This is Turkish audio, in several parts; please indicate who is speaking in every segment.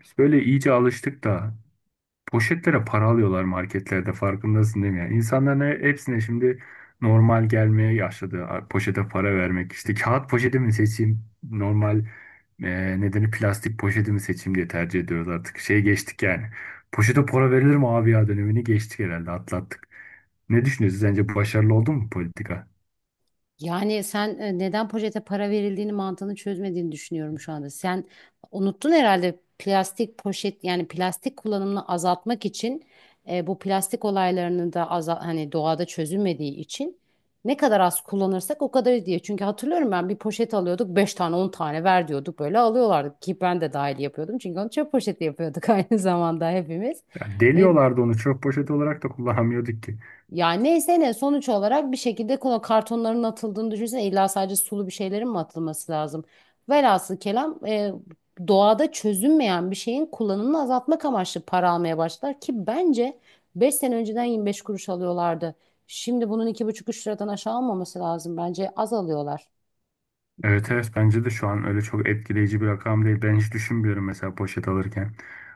Speaker 1: Biz böyle iyice alıştık da poşetlere para alıyorlar marketlerde, farkındasın değil mi? Yani insanların hepsine şimdi normal gelmeye başladı. Poşete para vermek, işte kağıt poşeti mi seçeyim normal nedeni, plastik poşeti mi seçeyim diye tercih ediyoruz artık. Şey geçtik yani. Poşete para verilir mi abi ya dönemini geçtik herhalde, atlattık. Ne düşünüyorsunuz? Sence başarılı oldu mu politika?
Speaker 2: Yani sen neden projete para verildiğini mantığını çözmediğini düşünüyorum şu anda. Sen unuttun herhalde plastik poşet yani plastik kullanımını azaltmak için bu plastik olaylarının da hani doğada çözülmediği için ne kadar az kullanırsak o kadar iyi diye. Çünkü hatırlıyorum ben bir poşet alıyorduk 5 tane 10 tane ver diyorduk böyle alıyorlardı ki ben de dahil yapıyordum. Çünkü onu çöp poşeti yapıyorduk aynı zamanda hepimiz.
Speaker 1: Ya
Speaker 2: E,
Speaker 1: deliyorlardı onu. Çöp poşeti olarak da kullanamıyorduk ki.
Speaker 2: Ya neyse ne sonuç olarak bir şekilde kola kartonların atıldığını düşünsene illa sadece sulu bir şeylerin mi atılması lazım? Velhasıl kelam doğada çözünmeyen bir şeyin kullanımını azaltmak amaçlı para almaya başlar ki bence 5 sene önceden 25 kuruş alıyorlardı. Şimdi bunun iki buçuk üç liradan aşağı almaması lazım bence az alıyorlar.
Speaker 1: Evet evet, bence de şu an öyle çok etkileyici bir rakam değil. Ben hiç düşünmüyorum mesela poşet alırken.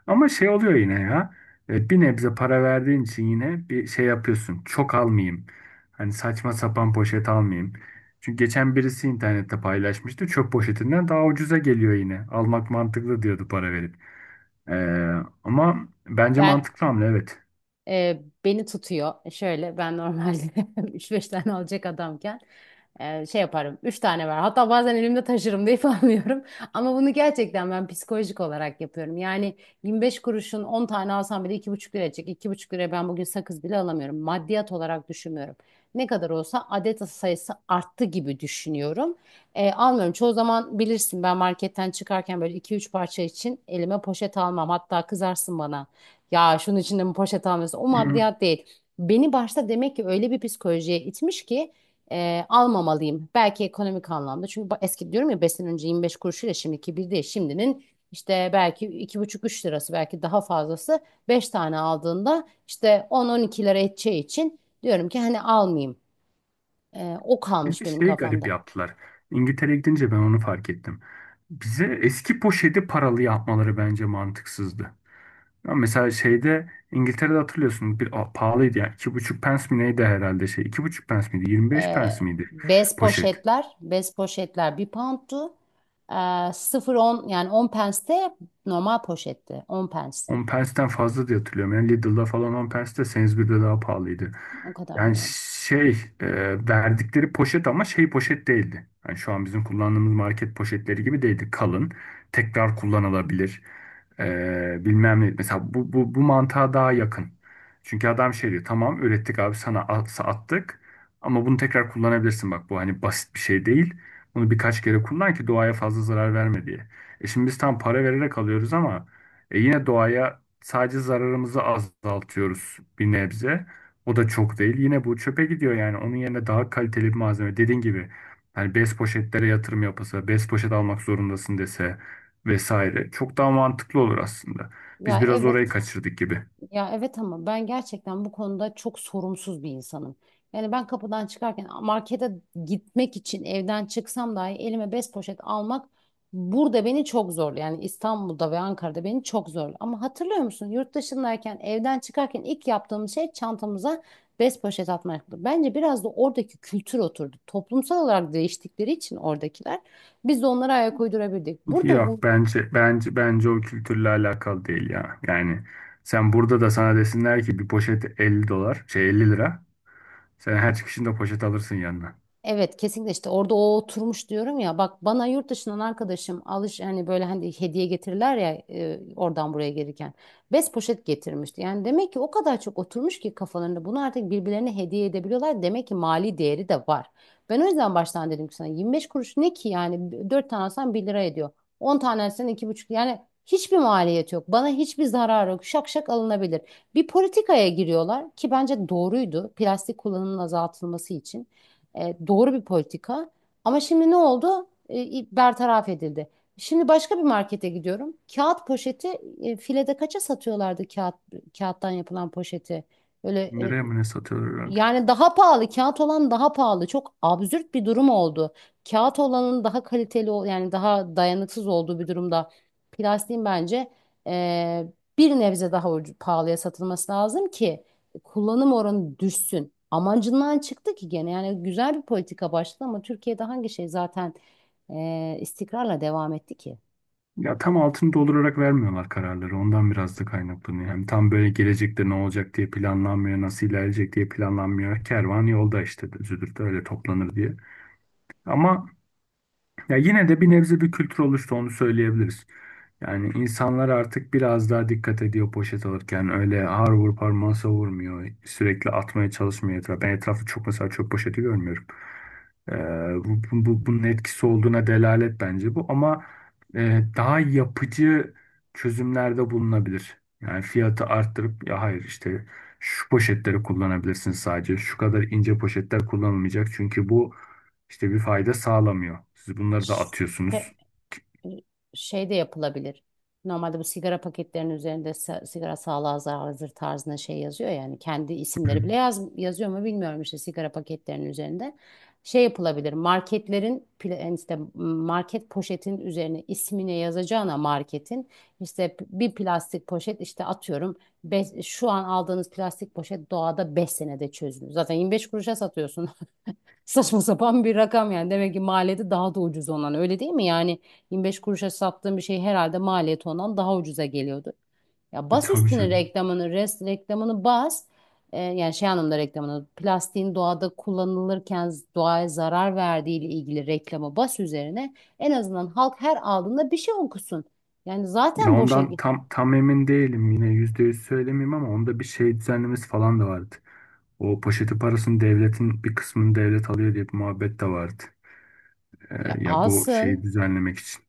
Speaker 1: Ama şey oluyor yine ya. Bir nebze para verdiğin için yine bir şey yapıyorsun. Çok almayayım. Hani saçma sapan poşet almayayım. Çünkü geçen birisi internette paylaşmıştı. Çöp poşetinden daha ucuza geliyor yine. Almak mantıklı diyordu para verip. Ee, ama bence
Speaker 2: Ben,
Speaker 1: mantıklı hamle, evet.
Speaker 2: beni tutuyor. Şöyle, ben normalde üç 5 tane alacak adamken şey yaparım. Üç tane var. Hatta bazen elimde taşırım deyip almıyorum. Ama bunu gerçekten ben psikolojik olarak yapıyorum. Yani 25 kuruşun 10 tane alsam bile 2,5 lira edecek. 2,5 liraya ben bugün sakız bile alamıyorum. Maddiyat olarak düşünmüyorum. Ne kadar olsa adet sayısı arttı gibi düşünüyorum. Almıyorum. Çoğu zaman bilirsin ben marketten çıkarken böyle iki üç parça için elime poşet almam. Hatta kızarsın bana. Ya şunun içinde mi poşet almıyorsun? O
Speaker 1: Hmm,
Speaker 2: maddiyat değil. Beni başta demek ki öyle bir psikolojiye itmiş ki almamalıyım. Belki ekonomik anlamda. Çünkü eski diyorum ya 5 sene önce 25 kuruşuyla şimdiki bir değil. Şimdinin işte belki iki buçuk üç lirası belki daha fazlası 5 tane aldığında işte 10-12 lira edeceği için diyorum ki hani almayayım. O
Speaker 1: bir
Speaker 2: kalmış
Speaker 1: de
Speaker 2: benim
Speaker 1: şeyi garip
Speaker 2: kafamda.
Speaker 1: yaptılar. İngiltere'ye gidince ben onu fark ettim. Bize eski poşeti paralı yapmaları bence mantıksızdı. Ama mesela şeyde, İngiltere'de hatırlıyorsun bir pahalıydı ya. İki buçuk pence mi neydi herhalde şey. İki buçuk pence miydi? 25 pence miydi
Speaker 2: Bez
Speaker 1: poşet?
Speaker 2: poşetler, bez poşetler 1 poundtu. E, 0-10 yani 10 pence de normal poşetti. On pence.
Speaker 1: 10 pence'ten fazla diye hatırlıyorum. Yani Lidl'da falan 10 pence, de Sainsbury'de daha pahalıydı.
Speaker 2: O kadar
Speaker 1: Yani
Speaker 2: bilmiyorum.
Speaker 1: şey e, verdikleri poşet ama şey poşet değildi. Yani şu an bizim kullandığımız market poşetleri gibi değildi. Kalın, tekrar kullanılabilir. E, bilmem ne. Mesela bu mantığa daha yakın. Çünkü adam şey diyor, tamam ürettik abi sana attık, ama bunu tekrar kullanabilirsin, bak bu hani basit bir şey değil. Bunu birkaç kere kullan ki doğaya fazla zarar verme diye. E şimdi biz tam para vererek alıyoruz ama e yine doğaya sadece zararımızı azaltıyoruz bir nebze. O da çok değil. Yine bu çöpe gidiyor yani. Onun yerine daha kaliteli bir malzeme. Dediğin gibi hani bez poşetlere yatırım yapılsa, bez poşet almak zorundasın dese vesaire. Çok daha mantıklı olur aslında. Biz
Speaker 2: Ya
Speaker 1: biraz orayı
Speaker 2: evet.
Speaker 1: kaçırdık gibi.
Speaker 2: Ya evet ama ben gerçekten bu konuda çok sorumsuz bir insanım. Yani ben kapıdan çıkarken markete gitmek için evden çıksam dahi elime bez poşet almak burada beni çok zor. Yani İstanbul'da ve Ankara'da beni çok zor. Ama hatırlıyor musun yurt dışındayken evden çıkarken ilk yaptığımız şey çantamıza bez poşet atmaktı. Bence biraz da oradaki kültür oturdu. Toplumsal olarak değiştikleri için oradakiler biz de onlara ayak uydurabildik. Burada.
Speaker 1: Yok bence, bence o kültürle alakalı değil ya. Yani sen burada da sana desinler ki bir poşet 50 dolar, şey 50 lira. Sen her çıkışında poşet alırsın yanına.
Speaker 2: Evet, kesinlikle işte orada o oturmuş diyorum ya bak bana yurt dışından arkadaşım alış hani böyle hani hediye getirirler ya oradan buraya gelirken bez poşet getirmişti. Yani demek ki o kadar çok oturmuş ki kafalarında bunu artık birbirlerine hediye edebiliyorlar. Demek ki mali değeri de var. Ben o yüzden baştan dedim ki sana 25 kuruş ne ki yani 4 tane alsan 1 lira ediyor. On tane alsan 2,5 yani hiçbir maliyet yok. Bana hiçbir zarar yok. Şak şak alınabilir. Bir politikaya giriyorlar ki bence doğruydu. Plastik kullanımının azaltılması için. Doğru bir politika. Ama şimdi ne oldu? Bertaraf edildi. Şimdi başka bir markete gidiyorum. Kağıt poşeti filede kaça satıyorlardı kağıttan yapılan poşeti? Böyle,
Speaker 1: Nereye mı ne satıyorlar herhalde?
Speaker 2: yani daha pahalı, kağıt olan daha pahalı. Çok absürt bir durum oldu. Kağıt olanın daha kaliteli, yani daha dayanıksız olduğu bir durumda plastiğin bence eee, bir nebze daha pahalıya satılması lazım ki kullanım oranı düşsün. Amacından çıktı ki gene yani güzel bir politika başladı ama Türkiye'de hangi şey zaten istikrarla devam etti ki?
Speaker 1: Ya tam altını doldurarak vermiyorlar kararları. Ondan biraz da kaynaklanıyor. Hem tam böyle gelecekte ne olacak diye planlanmıyor, nasıl ilerleyecek diye planlanmıyor. Kervan yolda işte züdürtü öyle toplanır diye. Ama ya yine de bir nebze bir kültür oluştu, onu söyleyebiliriz. Yani insanlar artık biraz daha dikkat ediyor poşet alırken. Öyle ağır vur parmağı savurmuyor. Sürekli atmaya çalışmıyor etrafa. Ben etrafı çok mesela çöp poşeti görmüyorum. Ee, bunun etkisi olduğuna delalet bence bu. Ama daha yapıcı çözümlerde bulunabilir. Yani fiyatı arttırıp, ya hayır işte şu poşetleri kullanabilirsiniz sadece. Şu kadar ince poşetler kullanılmayacak. Çünkü bu işte bir fayda sağlamıyor. Siz bunları da atıyorsunuz.
Speaker 2: Şey de yapılabilir. Normalde bu sigara paketlerinin üzerinde sigara sağlığa zararlıdır tarzında şey yazıyor yani kendi
Speaker 1: Hı
Speaker 2: isimleri
Speaker 1: hı.
Speaker 2: bile yazıyor mu bilmiyorum işte sigara paketlerinin üzerinde. Şey yapılabilir marketlerin yani işte market poşetin üzerine ismine yazacağına marketin işte bir plastik poşet işte atıyorum şu an aldığınız plastik poşet doğada 5 senede çözülür. Zaten 25 kuruşa satıyorsunuz. Saçma sapan bir rakam yani. Demek ki maliyeti daha da ucuz ondan. Öyle değil mi? Yani 25 kuruşa sattığım bir şey herhalde maliyeti ondan daha ucuza geliyordu. Ya
Speaker 1: E,
Speaker 2: bas
Speaker 1: tabii
Speaker 2: üstüne
Speaker 1: canım.
Speaker 2: reklamını, rest reklamını bas. Yani şey anlamda reklamını, plastiğin doğada kullanılırken doğaya zarar verdiği ile ilgili reklamı bas üzerine. En azından halk her aldığında bir şey okusun. Yani
Speaker 1: Ya
Speaker 2: zaten boşa
Speaker 1: ondan
Speaker 2: git.
Speaker 1: tam emin değilim, yine yüzde yüz söylemeyeyim ama onda bir şey düzenlemesi falan da vardı. O poşeti parasını devletin bir kısmını devlet alıyor diye bir muhabbet de vardı.
Speaker 2: Ya
Speaker 1: E, ya bu şeyi
Speaker 2: alsın.
Speaker 1: düzenlemek için.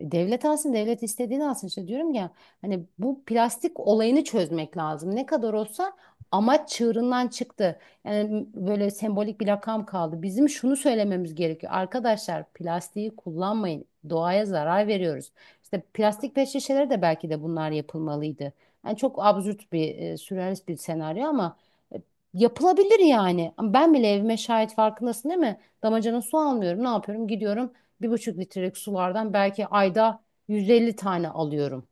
Speaker 2: Devlet alsın, devlet istediğini alsın. İşte diyorum ya hani bu plastik olayını çözmek lazım. Ne kadar olsa amaç çığırından çıktı. Yani böyle sembolik bir lakam kaldı. Bizim şunu söylememiz gerekiyor. Arkadaşlar plastiği kullanmayın. Doğaya zarar veriyoruz. İşte plastik pet şişeleri de belki de bunlar yapılmalıydı. Yani çok absürt bir, sürrealist bir senaryo ama e, yapılabilir yani. Ama ben bile evime şahit farkındasın değil mi? Damacana su almıyorum. Ne yapıyorum? Gidiyorum 1,5 litrelik sulardan belki ayda 150 tane alıyorum.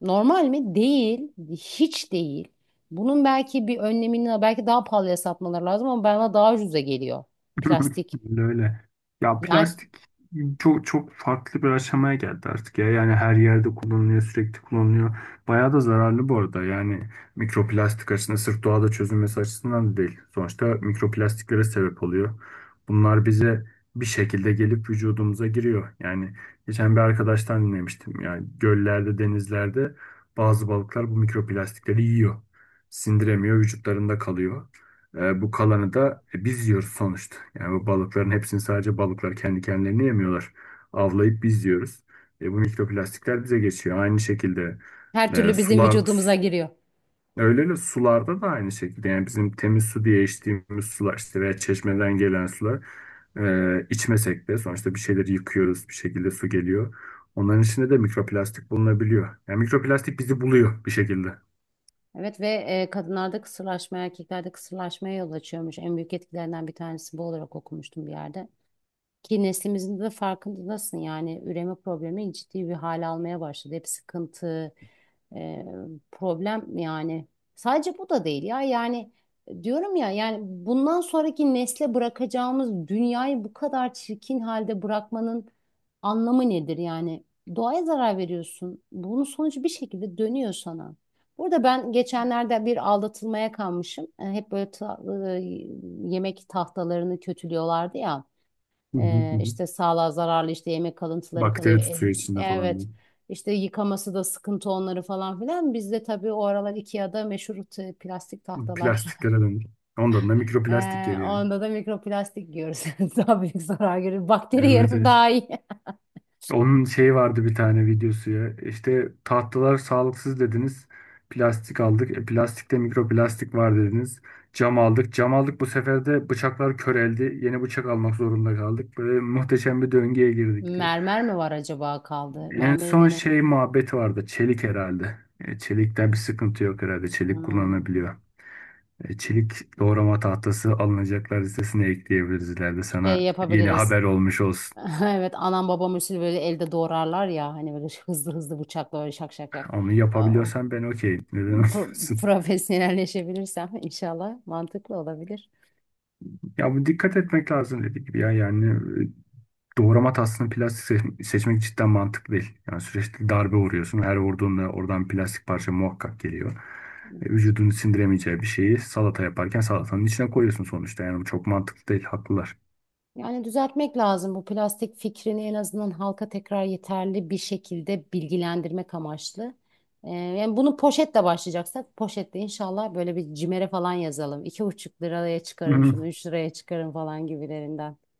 Speaker 2: Normal mi? Değil. Hiç değil. Bunun belki bir önlemini belki daha pahalıya satmaları lazım ama bana daha ucuza geliyor. Plastik.
Speaker 1: Öyle öyle. Ya
Speaker 2: Yani
Speaker 1: plastik çok çok farklı bir aşamaya geldi artık ya. Yani her yerde kullanılıyor, sürekli kullanılıyor. Bayağı da zararlı bu arada. Yani mikroplastik açısından, sırf doğada çözülmesi açısından da değil. Sonuçta mikroplastiklere sebep oluyor. Bunlar bize bir şekilde gelip vücudumuza giriyor. Yani geçen bir arkadaştan dinlemiştim. Yani göllerde, denizlerde bazı balıklar bu mikroplastikleri yiyor. Sindiremiyor, vücutlarında kalıyor. E, bu kalanı da biz yiyoruz sonuçta. Yani bu balıkların hepsini sadece balıklar kendi kendilerini yemiyorlar. Avlayıp biz yiyoruz. E, bu mikroplastikler bize geçiyor. Aynı şekilde
Speaker 2: her
Speaker 1: e,
Speaker 2: türlü bizim
Speaker 1: sular su-
Speaker 2: vücudumuza giriyor.
Speaker 1: öyle öyle, sularda da aynı şekilde. Yani bizim temiz su diye içtiğimiz sular işte, veya çeşmeden gelen sular, içmesek de sonuçta bir şeyleri yıkıyoruz. Bir şekilde su geliyor. Onların içinde de mikroplastik bulunabiliyor. Yani mikroplastik bizi buluyor bir şekilde. Hı
Speaker 2: Evet ve kadınlarda kısırlaşma, erkeklerde kısırlaşmaya yol açıyormuş. En büyük etkilerinden bir tanesi bu olarak okumuştum bir yerde. Ki neslimizin de farkındasın yani üreme problemi ciddi bir hal almaya başladı. Hep sıkıntı, e, problem yani. Sadece bu da değil ya yani diyorum ya yani bundan sonraki nesle bırakacağımız dünyayı bu kadar çirkin halde bırakmanın anlamı nedir yani? Doğaya zarar veriyorsun. Bunun sonucu bir şekilde dönüyor sana. Burada ben geçenlerde bir aldatılmaya kalmışım. Hep böyle e, yemek tahtalarını kötülüyorlardı ya.
Speaker 1: hı hı.
Speaker 2: İşte sağlığa zararlı işte yemek kalıntıları kalıyor.
Speaker 1: Bakteri tutuyor içinde
Speaker 2: Evet.
Speaker 1: falan.
Speaker 2: İşte yıkaması da sıkıntı onları falan filan. Bizde tabii o aralar IKEA'da meşhur plastik tahtalar.
Speaker 1: Plastiklere dönür. Ondan da mikroplastik geliyor.
Speaker 2: Onda da mikroplastik yiyoruz. Daha büyük zarar görüyoruz. Bakteri
Speaker 1: Evet,
Speaker 2: yerim daha
Speaker 1: evet.
Speaker 2: iyi.
Speaker 1: Onun şeyi vardı bir tane videosu ya. İşte tahtalar sağlıksız dediniz. Plastik aldık. E, plastikte mikroplastik var dediniz. Cam aldık. Cam aldık, bu sefer de bıçaklar köreldi. Yeni bıçak almak zorunda kaldık. Böyle muhteşem bir döngüye girdik diyor.
Speaker 2: Mermer mi var acaba kaldı?
Speaker 1: En
Speaker 2: Mermeri
Speaker 1: son
Speaker 2: denemedim.
Speaker 1: şey muhabbeti vardı. Çelik herhalde. E, çelikten bir sıkıntı yok herhalde. Çelik
Speaker 2: Hmm.
Speaker 1: kullanılabiliyor. E, çelik doğrama tahtası, alınacaklar listesine ekleyebiliriz ileride,
Speaker 2: Şey
Speaker 1: sana yeni
Speaker 2: yapabiliriz.
Speaker 1: haber olmuş olsun.
Speaker 2: Evet anam babam usulü böyle elde doğrarlar ya hani böyle hızlı hızlı bıçakla öyle şak şak şak.
Speaker 1: Onu yapabiliyorsan ben okeyim. Neden
Speaker 2: pro-
Speaker 1: olmasın?
Speaker 2: profesyonelleşebilirsem inşallah mantıklı olabilir.
Speaker 1: Ya bu dikkat etmek lazım dediğim gibi ya, yani doğrama tahtasını plastik seçmek cidden mantıklı değil. Yani sürekli darbe vuruyorsun. Her vurduğunda oradan plastik parça muhakkak geliyor. E, vücudun sindiremeyeceği bir şeyi salata yaparken salatanın içine koyuyorsun sonuçta. Yani bu çok mantıklı değil, haklılar.
Speaker 2: Yani düzeltmek lazım bu plastik fikrini en azından halka tekrar yeterli bir şekilde bilgilendirmek amaçlı. Yani bunu poşetle başlayacaksak poşetle inşallah böyle bir cimere falan yazalım. 2,5 liraya çıkarın şunu, 3 liraya çıkarın falan gibilerinden.